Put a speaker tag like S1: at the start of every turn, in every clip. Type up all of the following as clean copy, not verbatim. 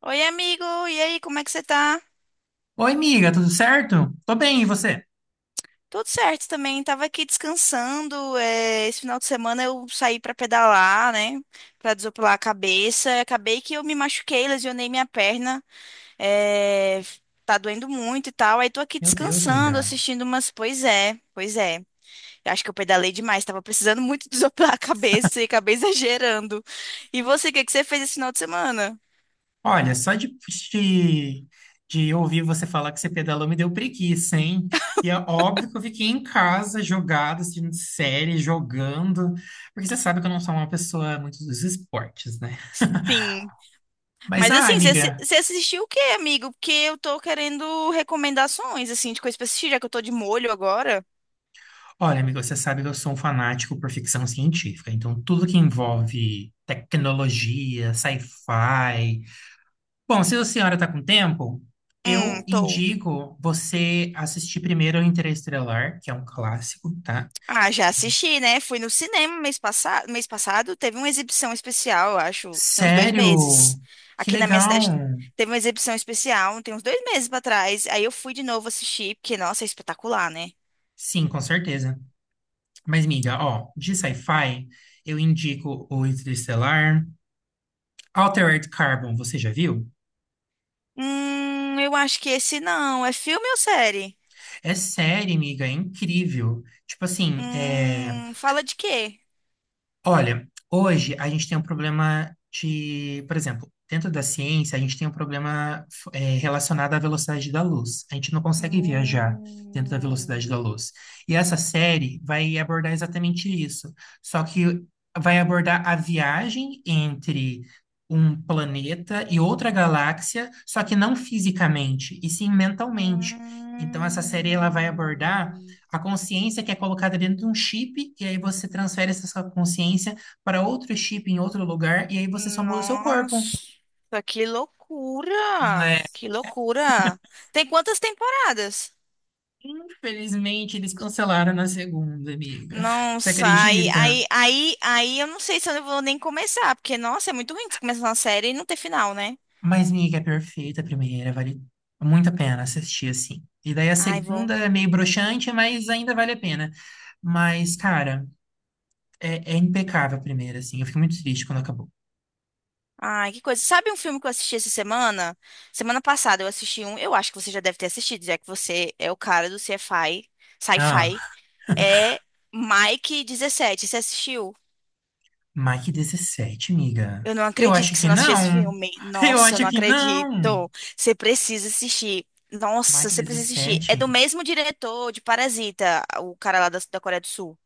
S1: Oi, amigo! E aí, como é que você tá?
S2: Oi, miga, tudo certo? Tô bem, e você?
S1: Tudo certo também, tava aqui descansando. Esse final de semana eu saí pra pedalar, né? Pra desopilar a cabeça. Acabei que eu me machuquei, lesionei minha perna. é, tá doendo muito e tal. Aí tô aqui
S2: Meu Deus,
S1: descansando,
S2: miga.
S1: assistindo umas. Pois é, pois é. Eu acho que eu pedalei demais, tava precisando muito desopilar a cabeça e acabei exagerando. E você, o que que você fez esse final de semana?
S2: Olha, só de, de ouvir você falar que você pedalou me deu preguiça, hein? E é óbvio que eu fiquei em casa, jogado, assistindo série, jogando, porque você sabe que eu não sou uma pessoa muito dos esportes, né?
S1: Sim.
S2: Mas,
S1: Mas
S2: ah,
S1: assim,
S2: amiga,
S1: você assistiu o quê, amigo? Porque eu tô querendo recomendações, assim, de coisa pra assistir, já que eu tô de molho agora.
S2: olha, amiga, você sabe que eu sou um fanático por ficção científica, então tudo que envolve tecnologia, sci-fi. Bom, se a senhora está com tempo, eu
S1: Tô.
S2: indico você assistir primeiro Interestelar, que é um clássico, tá?
S1: Ah, já assisti, né? Fui no cinema mês passado, teve uma exibição especial, eu acho, tem uns dois
S2: Sério?
S1: meses.
S2: Que
S1: Aqui na minha
S2: legal!
S1: cidade teve uma exibição especial, tem uns 2 meses pra trás. Aí eu fui de novo assistir, porque, nossa, é espetacular, né?
S2: Sim, com certeza. Mas, miga, ó, de sci-fi, eu indico o Interestelar. Altered Carbon, você já viu?
S1: Eu acho que esse não. É filme ou série?
S2: É série, miga, é incrível. Tipo assim, é.
S1: Fala de quê?
S2: Olha, hoje a gente tem um problema de, por exemplo, dentro da ciência, a gente tem um problema relacionado à velocidade da luz. A gente não consegue viajar dentro da velocidade
S1: Hum.
S2: da luz. E essa série vai abordar exatamente isso. Só que vai abordar a viagem entre um planeta e outra galáxia, só que não fisicamente, e sim mentalmente. Então, essa série ela vai abordar
S1: Hum,
S2: a consciência que é colocada dentro de um chip, e aí você transfere essa sua consciência para outro chip em outro lugar, e aí você só muda o seu corpo.
S1: nossa, que loucura!
S2: É.
S1: Que loucura! Tem quantas temporadas?
S2: Infelizmente, eles cancelaram na segunda, amiga.
S1: Não
S2: Você
S1: sai.
S2: acredita?
S1: Aí eu não sei se eu vou nem começar, porque, nossa, é muito ruim você começar uma série e não ter final, né?
S2: Mas, amiga, é perfeita a primeira, vale muito a pena assistir assim. E daí a
S1: Ai,
S2: segunda
S1: vou.
S2: é meio broxante, mas ainda vale a pena. Mas, cara, é impecável a primeira, assim. Eu fico muito triste quando acabou.
S1: Ai, que coisa. Sabe um filme que eu assisti essa semana? Semana passada eu assisti um, eu acho que você já deve ter assistido, já que você é o cara do sci-fi.
S2: Ah.
S1: É Mike 17. Você assistiu?
S2: Mike 17, miga.
S1: Eu não
S2: Eu
S1: acredito
S2: acho
S1: que você
S2: que
S1: não assistiu esse
S2: não.
S1: filme.
S2: Eu
S1: Nossa, eu
S2: acho
S1: não
S2: que não.
S1: acredito. Você precisa assistir. Nossa,
S2: Mike
S1: você precisa assistir. É do
S2: 17.
S1: mesmo diretor de Parasita, o cara lá da Coreia do Sul.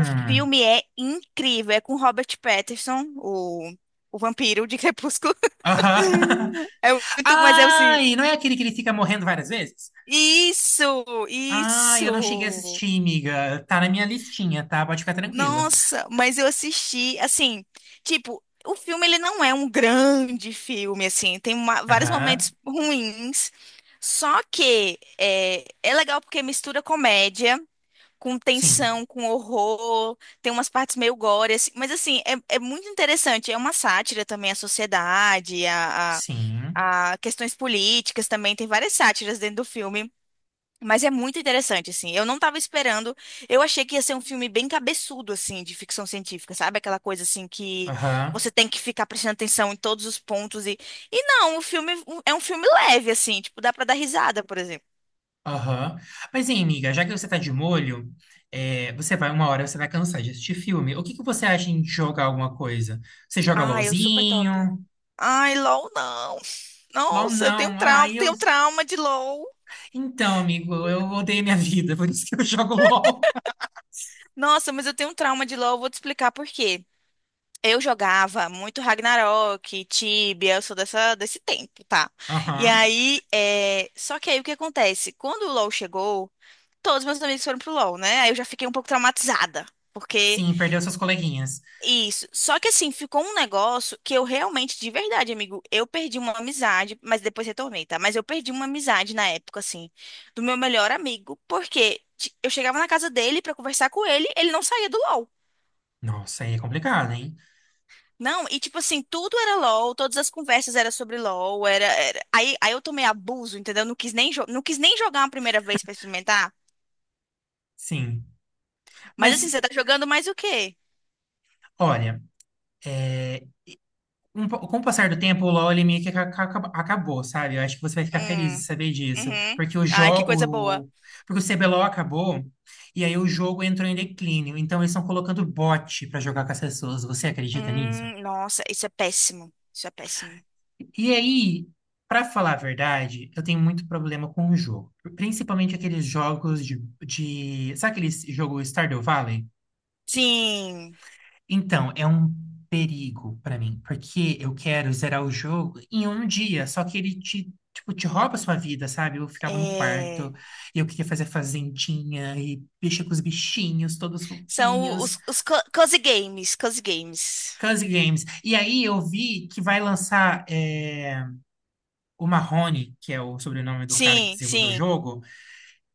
S1: O filme é incrível. É com Robert Pattinson, o vampiro de Crepúsculo.
S2: Aham.
S1: É muito, mas é assim.
S2: Ai, não é aquele que ele fica morrendo várias vezes?
S1: Isso,
S2: Ai, eu não cheguei a
S1: isso.
S2: assistir, miga. Tá na minha listinha, tá? Pode ficar tranquila.
S1: Nossa, mas eu assisti, assim, tipo, o filme ele não é um grande filme, assim, tem vários momentos
S2: Aham.
S1: ruins, só que é legal porque mistura comédia com
S2: Sim.
S1: tensão, com horror, tem umas partes meio gore, assim, mas assim, é muito interessante, é uma sátira também à sociedade, a, a
S2: Sim.
S1: a questões políticas também, tem várias sátiras dentro do filme. Mas é muito interessante, assim. Eu não tava esperando. Eu achei que ia ser um filme bem cabeçudo, assim, de ficção científica, sabe? Aquela coisa, assim, que
S2: Aham.
S1: você tem que ficar prestando atenção em todos os pontos. E não, é um filme leve, assim. Tipo, dá pra dar risada, por exemplo.
S2: Aham. Mas, hein, miga, já que você tá de molho, você vai, uma hora você vai cansar de assistir filme. O que que você acha em jogar alguma coisa? Você joga
S1: Ai, eu super top.
S2: LOLzinho?
S1: Ai, LOL, não.
S2: LOL
S1: Nossa, eu
S2: não. Ah, eu.
S1: tenho trauma de LOL.
S2: Então, amigo, eu odeio minha vida, por isso que eu jogo LOL.
S1: Nossa, mas eu tenho um trauma de LOL. Vou te explicar por quê. Eu jogava muito Ragnarok, Tibia, eu sou desse tempo, tá? E
S2: Aham.
S1: aí, só que aí o que acontece? Quando o LoL chegou, todos meus amigos foram pro LoL, né? Aí eu já fiquei um pouco traumatizada, porque
S2: Sim, perdeu seus coleguinhas.
S1: isso. Só que assim, ficou um negócio que eu realmente, de verdade, amigo, eu perdi uma amizade, mas depois retornei, tá? Mas eu perdi uma amizade na época, assim, do meu melhor amigo, porque eu chegava na casa dele pra conversar com ele, ele não saía do LoL.
S2: Nossa, aí é complicado, hein?
S1: Não, e tipo assim, tudo era LOL, todas as conversas eram sobre LOL, Aí eu tomei abuso, entendeu? Não quis nem jogar uma primeira vez pra experimentar.
S2: Sim.
S1: Mas assim,
S2: Mas,
S1: você tá jogando mais o quê?
S2: olha, é, com o passar do tempo, o LoL ele meio que acabou, sabe? Eu acho que você vai ficar feliz de
S1: Hum,
S2: saber disso.
S1: uhum.
S2: Porque o
S1: Ai, que coisa boa.
S2: jogo. Porque o CBLOL acabou e aí o jogo entrou em declínio. Então eles estão colocando bot pra jogar com as pessoas. Você acredita nisso?
S1: Nossa, isso é péssimo. Isso é péssimo.
S2: E aí, pra falar a verdade, eu tenho muito problema com o jogo. Principalmente aqueles jogos Sabe aquele jogo Stardew Valley?
S1: Sim.
S2: Então, é um perigo pra mim, porque eu quero zerar o jogo em um dia, só que ele tipo te rouba a sua vida, sabe? Eu ficava no quarto,
S1: é...
S2: e eu queria fazer fazendinha, e mexer com os bichinhos, todos
S1: São
S2: fofinhos,
S1: os cozy games, cozy games.
S2: Cozy Games. E aí eu vi que vai lançar o Mahone, que é o sobrenome do cara que
S1: Sim,
S2: desenvolveu o
S1: sim,
S2: jogo.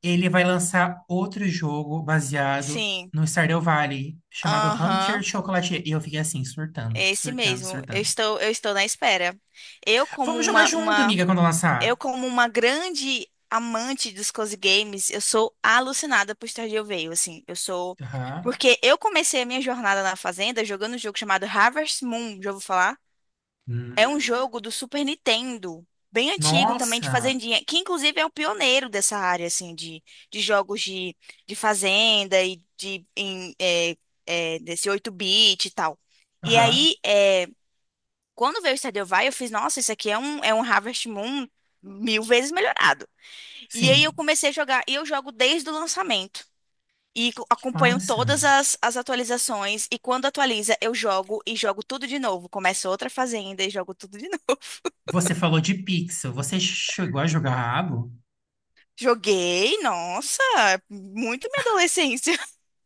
S2: Ele vai lançar outro jogo baseado
S1: sim.
S2: no Stardew Valley, chamado Hunter
S1: Aham,
S2: Chocolatier. E eu fiquei assim, surtando,
S1: é esse
S2: surtando,
S1: mesmo. Eu
S2: surtando.
S1: estou, eu estou na espera. Eu, como
S2: Vamos jogar
S1: uma,
S2: junto,
S1: uma
S2: amiga, quando
S1: Eu,
S2: lançar.
S1: como uma grande amante dos cozy games, eu sou alucinada por Stardew Valley, assim, eu sou...
S2: Aham.
S1: Porque eu comecei a minha jornada na Fazenda jogando um jogo chamado Harvest Moon, já vou falar? É um
S2: Hum,
S1: jogo do Super Nintendo, bem antigo também, de
S2: nossa.
S1: fazendinha, que inclusive é o pioneiro dessa área, assim, de, jogos de fazenda e de, em, é, é, desse 8 bit e tal. E
S2: Aham.
S1: aí, quando veio o Stardew Valley, eu fiz, nossa, isso aqui é um Harvest Moon mil vezes melhorado. E aí eu
S2: Sim.
S1: comecei a jogar. E eu jogo desde o lançamento. E
S2: Que
S1: acompanho
S2: massa.
S1: todas as atualizações. E quando atualiza, eu jogo e jogo tudo de novo. Começo outra fazenda e jogo tudo de novo.
S2: Você falou de pixel. Você chegou a jogar Rabo?
S1: Joguei, nossa, muito minha adolescência.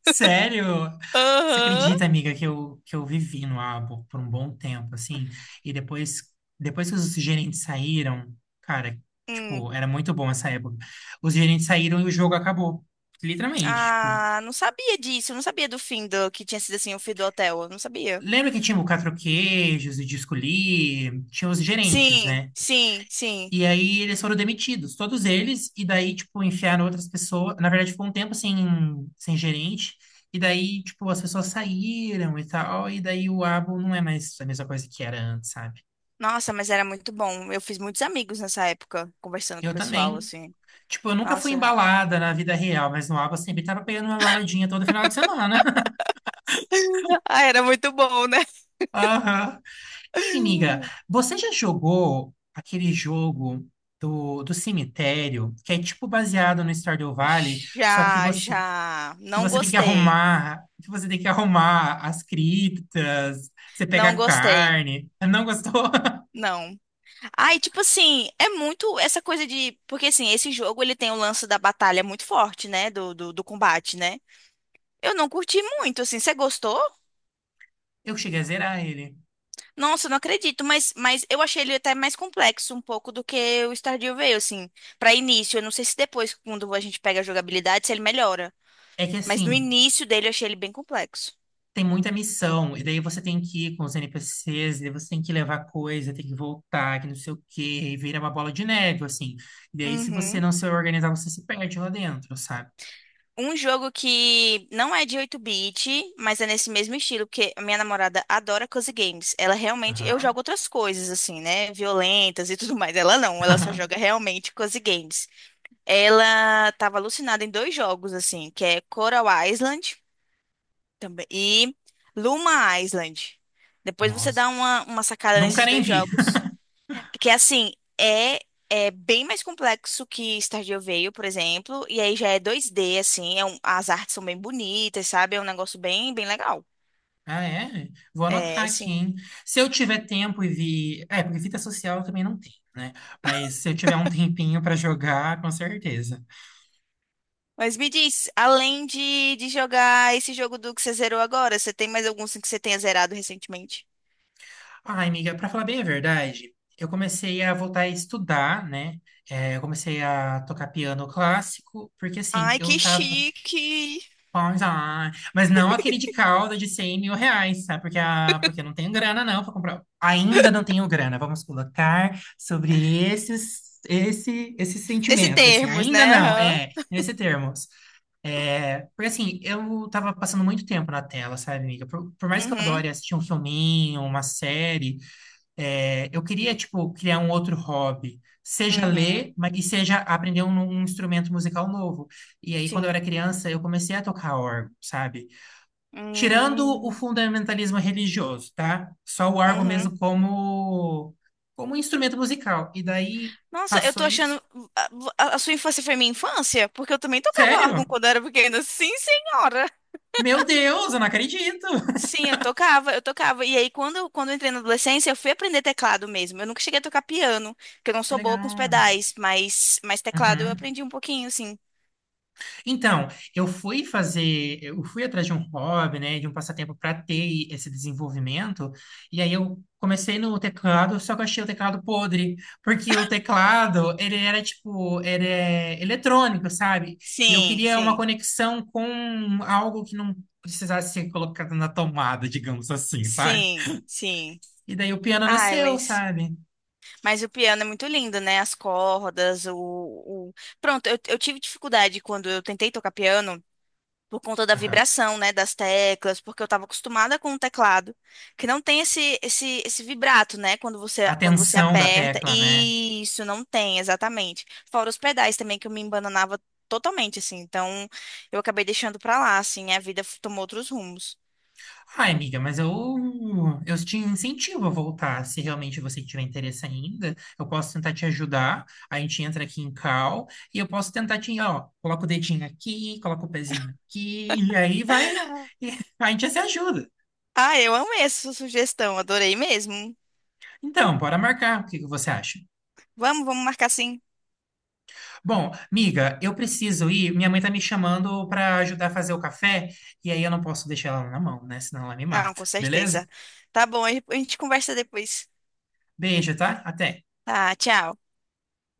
S2: Sério? Você
S1: Aham.
S2: acredita, amiga, que eu vivi no Abo por um bom tempo, assim, e depois que os gerentes saíram, cara, tipo,
S1: Hum.
S2: era muito bom essa época. Os gerentes saíram e o jogo acabou. Literalmente, tipo,
S1: Ah, não sabia disso. Não sabia do fim do que tinha sido assim o fim do hotel. Eu não sabia.
S2: lembra que tinha o quatro queijos, o disco Lee, tinha os gerentes,
S1: Sim,
S2: né?
S1: sim, sim.
S2: E aí eles foram demitidos, todos eles, e daí, tipo, enfiaram outras pessoas. Na verdade, ficou um tempo sem gerente, e daí, tipo, as pessoas saíram e tal, e daí o Abo não é mais a mesma coisa que era antes, sabe?
S1: Nossa, mas era muito bom. Eu fiz muitos amigos nessa época, conversando com o
S2: Eu
S1: pessoal,
S2: também.
S1: assim.
S2: Tipo, eu nunca fui
S1: Nossa.
S2: embalada na vida real, mas no Abo eu sempre tava pegando uma baladinha todo final de semana.
S1: Ah, era muito bom, né?
S2: Aham. Ei, amiga, você já jogou aquele jogo do cemitério, que é tipo baseado no Stardew Valley, só que
S1: Já,
S2: você
S1: já.
S2: que
S1: Não
S2: você tem que
S1: gostei.
S2: arrumar as criptas, você pega
S1: Não
S2: a
S1: gostei.
S2: carne. Não gostou?
S1: Não. Ai, tipo assim, é muito essa coisa de. Porque assim, esse jogo ele tem o lance da batalha muito forte, né? Do combate, né? Eu não curti muito, assim. Você gostou?
S2: Eu cheguei a zerar ele.
S1: Nossa, eu não acredito, mas eu achei ele até mais complexo um pouco do que o Stardew Valley, assim. Pra início, eu não sei se depois, quando a gente pega a jogabilidade, se ele melhora.
S2: É que
S1: Mas
S2: assim,
S1: no início dele eu achei ele bem complexo.
S2: tem muita missão, e daí você tem que ir com os NPCs, e daí você tem que levar coisa, tem que voltar, que não sei o quê, e vira uma bola de neve, assim. E daí, se você
S1: Uhum.
S2: não se organizar, você se perde lá dentro, sabe?
S1: Um jogo que não é de 8 bit mas é nesse mesmo estilo, porque a minha namorada adora cozy games. Ela realmente. Eu
S2: Aham.
S1: jogo outras coisas, assim, né? Violentas e tudo mais. Ela não, ela só joga realmente cozy games. Ela tava alucinada em dois jogos, assim, que é Coral Island também, e Luma Island. Depois você
S2: Nossa.
S1: dá uma sacada
S2: Nunca
S1: nesses
S2: nem
S1: dois
S2: vi.
S1: jogos. Porque assim, é é bem mais complexo que Stardew Valley, por exemplo, e aí já é 2D assim, as artes são bem bonitas, sabe? É um negócio bem bem legal.
S2: Ah, é? Vou anotar
S1: É,
S2: aqui,
S1: sim.
S2: hein? Se eu tiver tempo e vi. É, porque fita social eu também não tenho, né? Mas se eu tiver um tempinho pra jogar, com certeza.
S1: Mas me diz, além de jogar esse jogo do que você zerou agora, você tem mais algum assim, que você tenha zerado recentemente?
S2: Ai, amiga, pra falar bem a verdade, eu comecei a voltar a estudar, né? É, eu comecei a tocar piano clássico, porque assim,
S1: Ai,
S2: eu
S1: que
S2: tava.
S1: chique!
S2: Pois, ah, mas não aquele de calda de R$ 100.000, sabe? Porque eu não tenho grana, não, para comprar. Ainda não tenho grana. Vamos colocar sobre esse
S1: Esse
S2: sentimento, assim.
S1: termos,
S2: Ainda
S1: né?
S2: não,
S1: Aham.
S2: nesse termos. É, porque, assim, eu tava passando muito tempo na tela, sabe, amiga? Por mais que eu
S1: Uhum,
S2: adore assistir um filminho, uma série, eu queria, tipo, criar um outro hobby, seja
S1: uhum,
S2: ler, mas e seja aprender um, instrumento musical novo. E aí, quando eu era
S1: sim.
S2: criança, eu comecei a tocar órgão, sabe? Tirando o
S1: Hum,
S2: fundamentalismo religioso, tá? Só o órgão
S1: Uhum,
S2: mesmo como instrumento musical. E daí
S1: Nossa, eu
S2: passou
S1: tô
S2: isso.
S1: achando. A, a sua infância foi minha infância? Porque eu também tocava órgão
S2: Sério?
S1: quando eu era pequena. Sim, senhora!
S2: Meu Deus, eu não acredito.
S1: Sim, eu tocava. E aí, quando eu entrei na adolescência, eu fui aprender teclado mesmo. Eu nunca cheguei a tocar piano, porque eu não
S2: Que
S1: sou boa com os
S2: legal.
S1: pedais, mas teclado eu
S2: Uhum.
S1: aprendi um pouquinho, sim.
S2: Então, eu fui atrás de um hobby, né, de um passatempo para ter esse desenvolvimento, e aí eu comecei no teclado, só que eu achei o teclado podre, porque o teclado, ele era tipo, ele é eletrônico, sabe? E eu
S1: Sim,
S2: queria uma
S1: sim,
S2: conexão com algo que não precisasse ser colocado na tomada, digamos assim, sabe?
S1: sim, sim.
S2: E daí o piano
S1: Ai,
S2: nasceu,
S1: mas,
S2: sabe?
S1: mas o piano é muito lindo, né? As cordas, Pronto, eu tive dificuldade quando eu tentei tocar piano. Por conta da
S2: Aham.
S1: vibração, né, das teclas, porque eu estava acostumada com um teclado, que não tem esse vibrato, né, quando você,
S2: A
S1: quando você
S2: tensão da
S1: aperta.
S2: tecla, né?
S1: Isso, não tem, exatamente. Fora os pedais também, que eu me embananava totalmente, assim. Então, eu acabei deixando pra lá, assim, a vida tomou outros rumos.
S2: Ai, amiga, mas eu te incentivo a voltar, se realmente você tiver interesse ainda. Eu posso tentar te ajudar. A gente entra aqui em cal e eu posso tentar te, ó, coloca o dedinho aqui, coloca o pezinho aqui, e aí vai, e a gente se ajuda.
S1: Ah, eu amei essa sugestão, adorei mesmo.
S2: Então, bora marcar. O que que você acha?
S1: Vamos, vamos marcar sim.
S2: Bom, amiga, eu preciso ir. Minha mãe tá me chamando para ajudar a fazer o café, e aí eu não posso deixar ela na mão, né? Senão ela me
S1: Não,
S2: mata.
S1: com
S2: Beleza?
S1: certeza. Tá bom, a gente conversa depois.
S2: Beijo, tá? Até.
S1: Tá, tchau.